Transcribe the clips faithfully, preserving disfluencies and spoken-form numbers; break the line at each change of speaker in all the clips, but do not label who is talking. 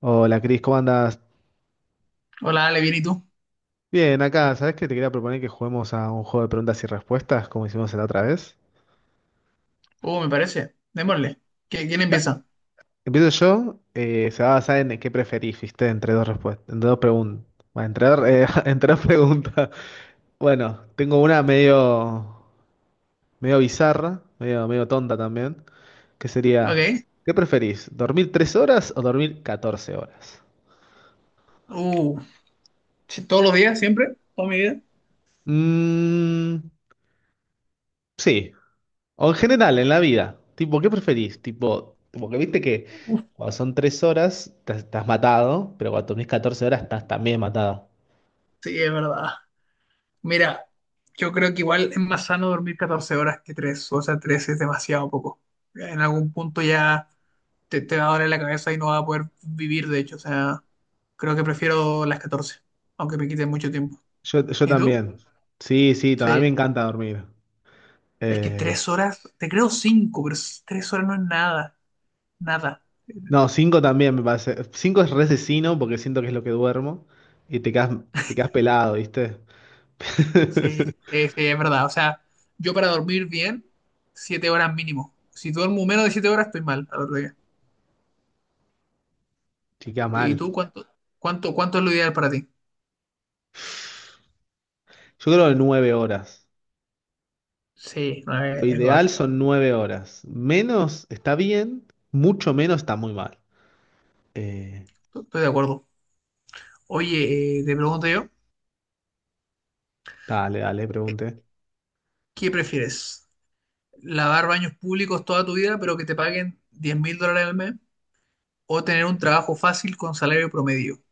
Hola Cris, ¿cómo andás?
Hola, Ale, bien, ¿y tú?
Bien, acá, ¿sabés que te quería proponer que juguemos a un juego de preguntas y respuestas como hicimos la otra vez?
Uh, me parece. Démosle. ¿Qui- ¿Quién
Ta-
empieza?
Empiezo yo, eh, se va a basar en qué preferís, ¿viste? Entre dos respuestas, entre dos preguntas. Entre, dos eh, Entre dos preguntas. Bueno, tengo una medio, medio bizarra, medio, medio tonta también, que sería,
Ok.
¿qué preferís? ¿Dormir tres horas o dormir catorce horas?
Uh, sí, todos los días, siempre, toda mi vida.
Mmm, sí. O en general, en la vida. Tipo, ¿qué preferís? Tipo, porque viste que
Uf,
cuando son tres horas te- estás matado, pero cuando dormís catorce horas estás también matado.
sí, es verdad. Mira, yo creo que igual es más sano dormir catorce horas que tres. O sea, tres es demasiado poco. En algún punto ya te, te va a doler la cabeza y no vas a poder vivir, de hecho. O sea, creo que prefiero las catorce, aunque me quite mucho tiempo.
Yo, yo
¿Y tú?
también. Sí, sí, también me
Sí.
encanta dormir.
Es que
Eh,
tres horas, te creo cinco, pero s- tres horas no es nada. Nada.
no, cinco también me parece. Cinco es resesino porque siento que es lo que duermo y te quedas, te quedas pelado, ¿viste?
Sí, sí, sí, es verdad. O sea, yo para dormir bien, siete horas mínimo. Si duermo menos de siete horas, estoy mal al otro día.
Te queda
¿Y
mal.
tú cuánto, cuánto, cuánto es lo ideal para ti?
Yo creo que nueve horas.
Sí, no,
Lo
es, es God.
ideal son nueve horas. Menos está bien, mucho menos está muy mal. Eh,
Estoy de acuerdo. Oye, eh, te pregunto yo,
Dale, dale, pregunte.
¿qué prefieres? ¿Lavar baños públicos toda tu vida, pero que te paguen diez mil dólares al mes? ¿O tener un trabajo fácil con salario promedio?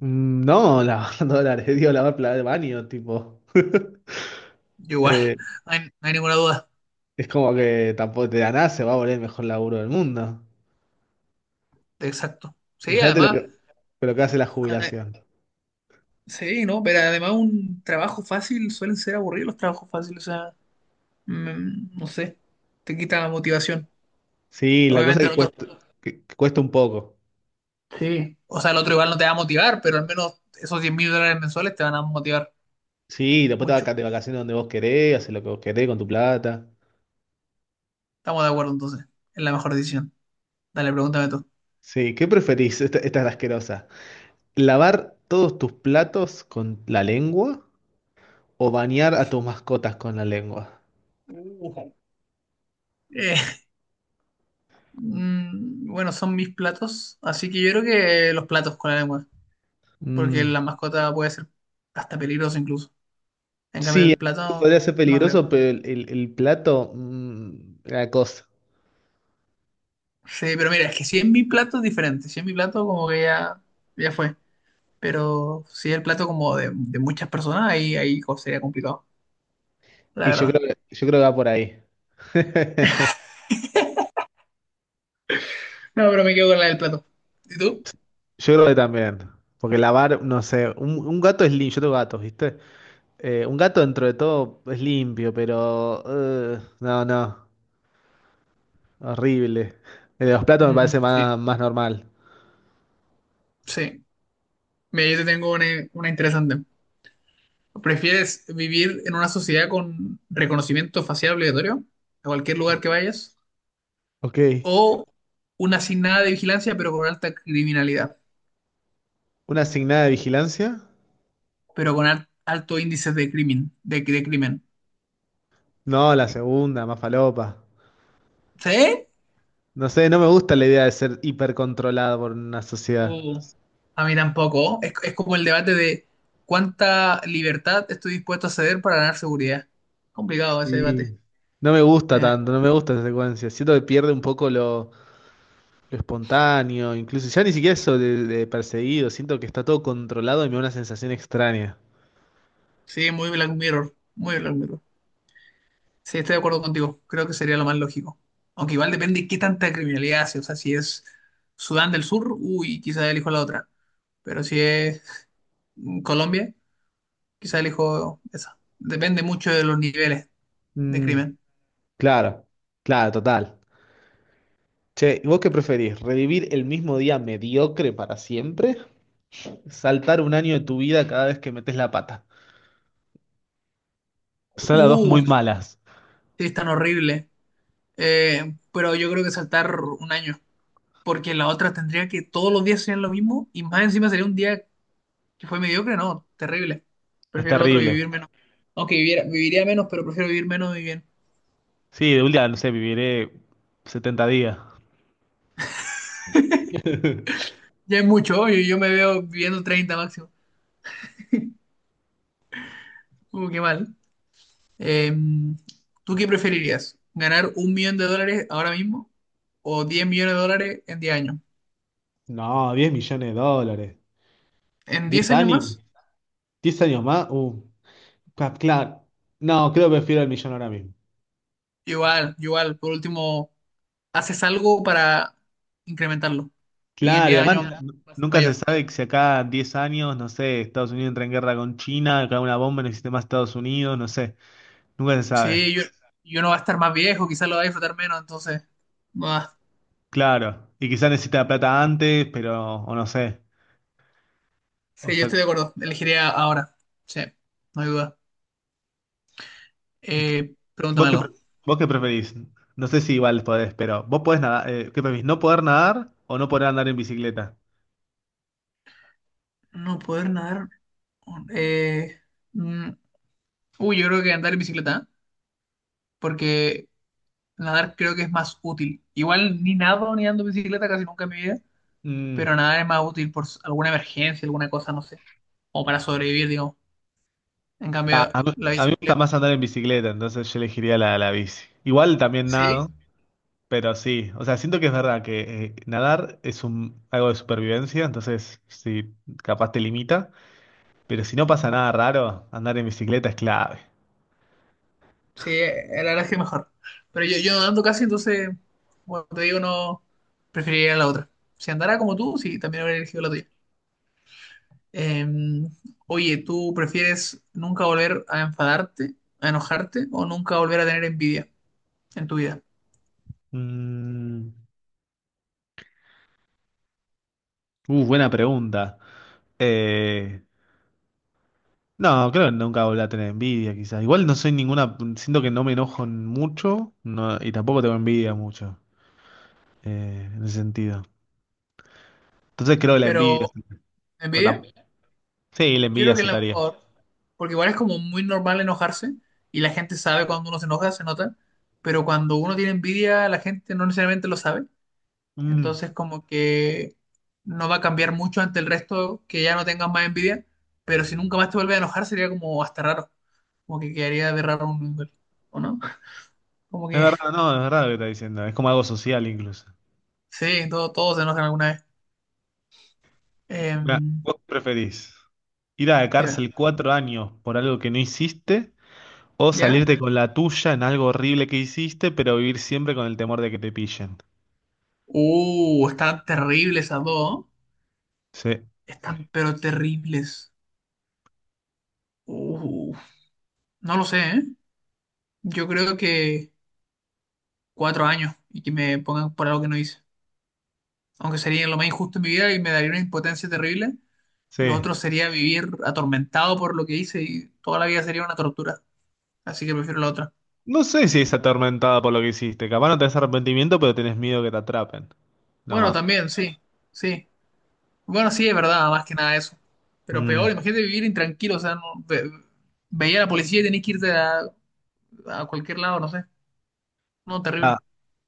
Mm, No, lavar dólares, digo, lavar plata de baño, tipo.
Yo igual,
Eh,
no hay, no hay ninguna duda.
es como que tampoco te da nada, se va a volver el mejor laburo del mundo.
Exacto. Sí,
Imagínate lo
además,
que, lo que hace la jubilación.
sí, no, pero además un trabajo fácil suelen ser aburridos los trabajos fáciles, o sea, mm, no sé, te quita la motivación.
Sí, la cosa
Obviamente
que
el otro,
cuesta, que, que cuesta un poco.
sí, o sea, el otro igual no te va a motivar, pero al menos esos diez mil dólares mensuales te van a motivar
Sí, después te vas
mucho.
de vacaciones donde vos querés, haces lo que vos querés con tu plata.
Estamos de acuerdo entonces, es la mejor decisión. Dale, pregúntame tú.
Sí, ¿qué preferís? Esta, esta es la asquerosa. ¿Lavar todos tus platos con la lengua o bañar a tus mascotas con la lengua?
Ujú. Eh, mm, bueno, son mis platos, así que yo creo que los platos con la lengua, porque
Mm,
la mascota puede ser hasta peligroso incluso. En cambio,
Sí,
el plato
podría ser
no creo.
peligroso, pero el, el- el plato, mm, la cosa.
Sí, pero mira, es que si es mi plato es diferente. Si es mi plato, como que ya, ya fue. Pero si es el plato como de, de muchas personas, ahí, ahí co- sería complicado, la
Y yo creo
verdad.
que, yo creo que va por ahí.
No, pero me quedo con la del plato. ¿Y tú?
Yo creo que también. Porque lavar, no sé, un, un gato es limpio, yo tengo gatos, ¿viste? Eh, un gato dentro de todo es limpio, pero. Eh, no, no, horrible. El de los platos me
Mm,
parece
sí,
más, más normal.
sí. Mira, yo te tengo una, una interesante. ¿Prefieres vivir en una sociedad con reconocimiento facial obligatorio a cualquier lugar que vayas?
Ok.
¿O una sin nada de vigilancia, pero con alta criminalidad?
¿Una asignada de vigilancia?
Pero con al- alto índice de crimen, de, de crimen.
No, la segunda, más falopa.
¿Sí?
No sé, no me gusta la idea de ser hipercontrolado por una sociedad.
Sí. A mí tampoco. Es, es como el debate de cuánta libertad estoy dispuesto a ceder para ganar seguridad. Complicado ese debate.
Sí. No me gusta
Eh,
tanto, no me gusta esa secuencia. Siento que pierde un poco lo, lo espontáneo, incluso ya ni siquiera eso de, de perseguido. Siento que está todo controlado y me da una sensación extraña.
sí, muy Black Mirror. Muy Black Mirror. Sí, estoy de acuerdo contigo. Creo que sería lo más lógico. Aunque igual depende qué tanta criminalidad hace. O sea, si es Sudán del Sur, uy, quizá elijo la otra. Pero si es mm, Colombia, quizá elijo esa. Depende mucho de los niveles de
Mm,
crimen.
claro, claro, total. Che, ¿y ¿vos qué preferís? ¿Revivir el mismo día mediocre para siempre? ¿Saltar un año de tu vida cada vez que metes la pata? Son las dos
Uh,
muy malas.
sí, es tan horrible. Eh, pero yo creo que saltar un año. Porque la otra tendría que todos los días serían lo mismo y más encima sería un día que fue mediocre, no, terrible.
Es
Prefiero el otro
terrible.
vivir menos. Aunque viviera, viviría menos, pero prefiero vivir menos y bien.
Sí, de un día, no sé, viviré setenta días.
Ya es mucho, yo, yo me veo viviendo treinta máximo. Uh, qué mal. Eh, ¿tú qué preferirías? ¿Ganar un millón de dólares ahora mismo o diez millones de dólares en diez años?
No, diez millones de dólares.
¿En
¿Diez
diez años
años?
más?
¿Diez años más? Uh, ca- claro. No, creo que prefiero el millón ahora mismo.
Igual, igual. Por último, haces algo para incrementarlo. Y en
Claro, y
diez
además
años va
n-
a ser
nunca se
mayor.
sabe que si acá diez años, no sé, Estados Unidos entra en guerra con China, cae una bomba en el sistema de Estados Unidos, no sé, nunca se sabe.
Sí, yo, y uno va a estar más viejo, quizás lo va a disfrutar menos, entonces. Bah,
Claro, y quizás necesita la plata antes, pero, o no sé. O
sí, yo
sea,
estoy de acuerdo. Elegiría ahora. Sí, no hay duda. Eh,
¿vos
pregúntame
qué, pre-
algo.
vos qué preferís? No sé si igual podés, pero vos podés nadar, eh, ¿qué preferís? ¿No poder nadar o no poder andar en bicicleta?
No poder nadar. Eh, mm, uy, yo creo que andar en bicicleta, ¿eh? Porque nadar creo que es más útil. Igual ni nado ni ando en bicicleta casi nunca en mi vida,
Mm,
pero nadar es más útil por s- alguna emergencia, alguna cosa, no sé. O para sobrevivir, digamos. En
nah,
cambio,
a mí,
la
a mí me gusta
bicicleta.
más andar en bicicleta, entonces yo elegiría la, la bici. Igual también
Sí,
nado. Pero sí, o sea, siento que es verdad que eh, nadar es un, algo de supervivencia, entonces sí, capaz te limita, pero si no pasa nada raro, andar en bicicleta es clave.
sí, eh, la verdad es que mejor. Pero yo, yo no ando casi, entonces, bueno, te digo, no preferiría la otra. Si andara como tú, sí, también habría elegido la tuya. Eh, oye, ¿tú prefieres nunca volver a enfadarte, a enojarte o nunca volver a tener envidia en tu vida?
Mm, uh, buena pregunta. Eh, no, creo que nunca volví a tener envidia, quizás. Igual no soy ninguna, siento que no me enojo mucho, no, y tampoco tengo envidia mucho, eh, en ese sentido. Entonces creo que la envidia,
Pero,
pues, tam-
¿envidia?
sí, la
Yo creo
envidia
que es la
saltaría.
mejor, porque igual es como muy normal enojarse y la gente sabe cuando uno se enoja, se nota, pero cuando uno tiene envidia, la gente no necesariamente lo sabe.
Mm,
Entonces, como que no va a cambiar mucho ante el resto que ya no tengas más envidia, pero si nunca más te vuelve a enojar sería como hasta raro, como que quedaría de raro un nivel, ¿o no? Como
es
que
verdad, no, es verdad lo que está diciendo, es como algo social incluso.
sí, todo, todos se enojan alguna vez. Eh,
Mirá, ¿vos qué preferís? ¿Ir a la
dime,
cárcel cuatro años por algo que no hiciste? ¿O
¿ya?
salirte con la tuya en algo horrible que hiciste, pero vivir siempre con el temor de que te pillen?
Uh, están terribles esas dos, ¿no?
Sí,
Están pero terribles. Uh, no lo sé, ¿eh? Yo creo que cuatro años y que me pongan por algo que no hice. Aunque sería lo más injusto en mi vida y me daría una impotencia terrible. Lo
sí.
otro sería vivir atormentado por lo que hice y toda la vida sería una tortura. Así que prefiero la otra.
No sé si es atormentada por lo que hiciste. Capaz no tenés arrepentimiento, pero tenés miedo que te atrapen. No
Bueno,
más.
también, sí, sí. Bueno, sí, es verdad, más que nada eso. Pero peor,
Mm.
imagínate vivir intranquilo, o sea, no, ve- veía a la policía y tenías que irte a, a cualquier lado, no sé. No,
Nada.
terrible.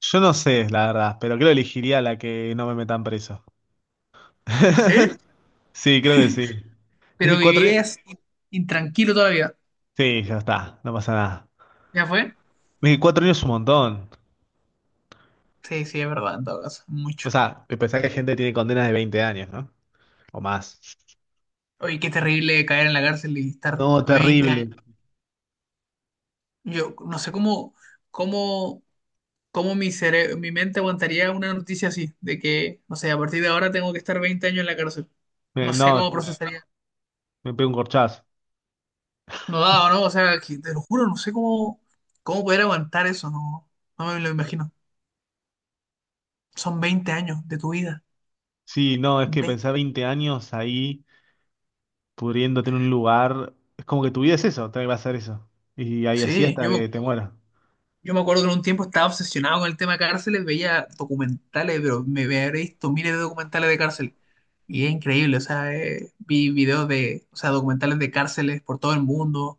Yo no sé, la verdad, pero creo que elegiría la que no me metan preso.
¿Sí?
Sí, creo que sí. Es
Pero
que cuatro años.
vivirías intranquilo toda la vida.
Sí, ya está, no pasa nada.
¿Ya fue?
Es que cuatro años es un montón.
Sí, sí, es verdad, en todo caso,
O
mucho.
sea, pensar que gente tiene condenas de veinte años, ¿no? O más.
Oye, qué terrible caer en la cárcel y estar
No,
veinte años.
terrible.
Yo no sé cómo, cómo ¿Cómo mi cere- mi mente aguantaría una noticia así? De que, no sé, a partir de ahora tengo que estar veinte años en la cárcel.
Eh,
No sé
no,
cómo
yo
procesaría.
me pego un corchazo.
No da, ¿no? O sea, que- te lo juro, no sé cómo, cómo poder aguantar eso. No, no me lo imagino. Son veinte años de tu vida.
Sí, no, es que
veinte.
pensar veinte años ahí pudriéndote en un lugar, es como que tu vida es eso, te va a hacer eso. Y ahí así
Sí,
hasta
yo me,
que te mueras.
yo me acuerdo que en un tiempo estaba obsesionado con el tema cárceles, veía documentales, pero me me habré visto miles de documentales de cárcel. Y es increíble, o sea, eh, vi videos de, o sea, documentales de cárceles por todo el mundo,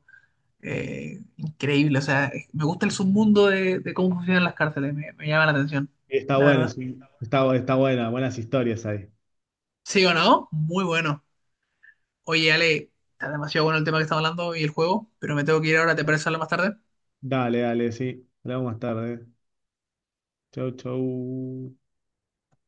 eh, increíble. O sea, es- me gusta el submundo de, de, cómo funcionan las cárceles, me, me llama la atención,
Está
la
bueno,
verdad.
es un- está, está buena, buenas historias ahí.
¿Sí o no? Muy bueno. Oye, Ale, está demasiado bueno el tema que estamos hablando y el juego, pero me tengo que ir ahora, ¿te parece hablar más tarde?
Dale, dale, sí. Hablamos más tarde. Chau, chau.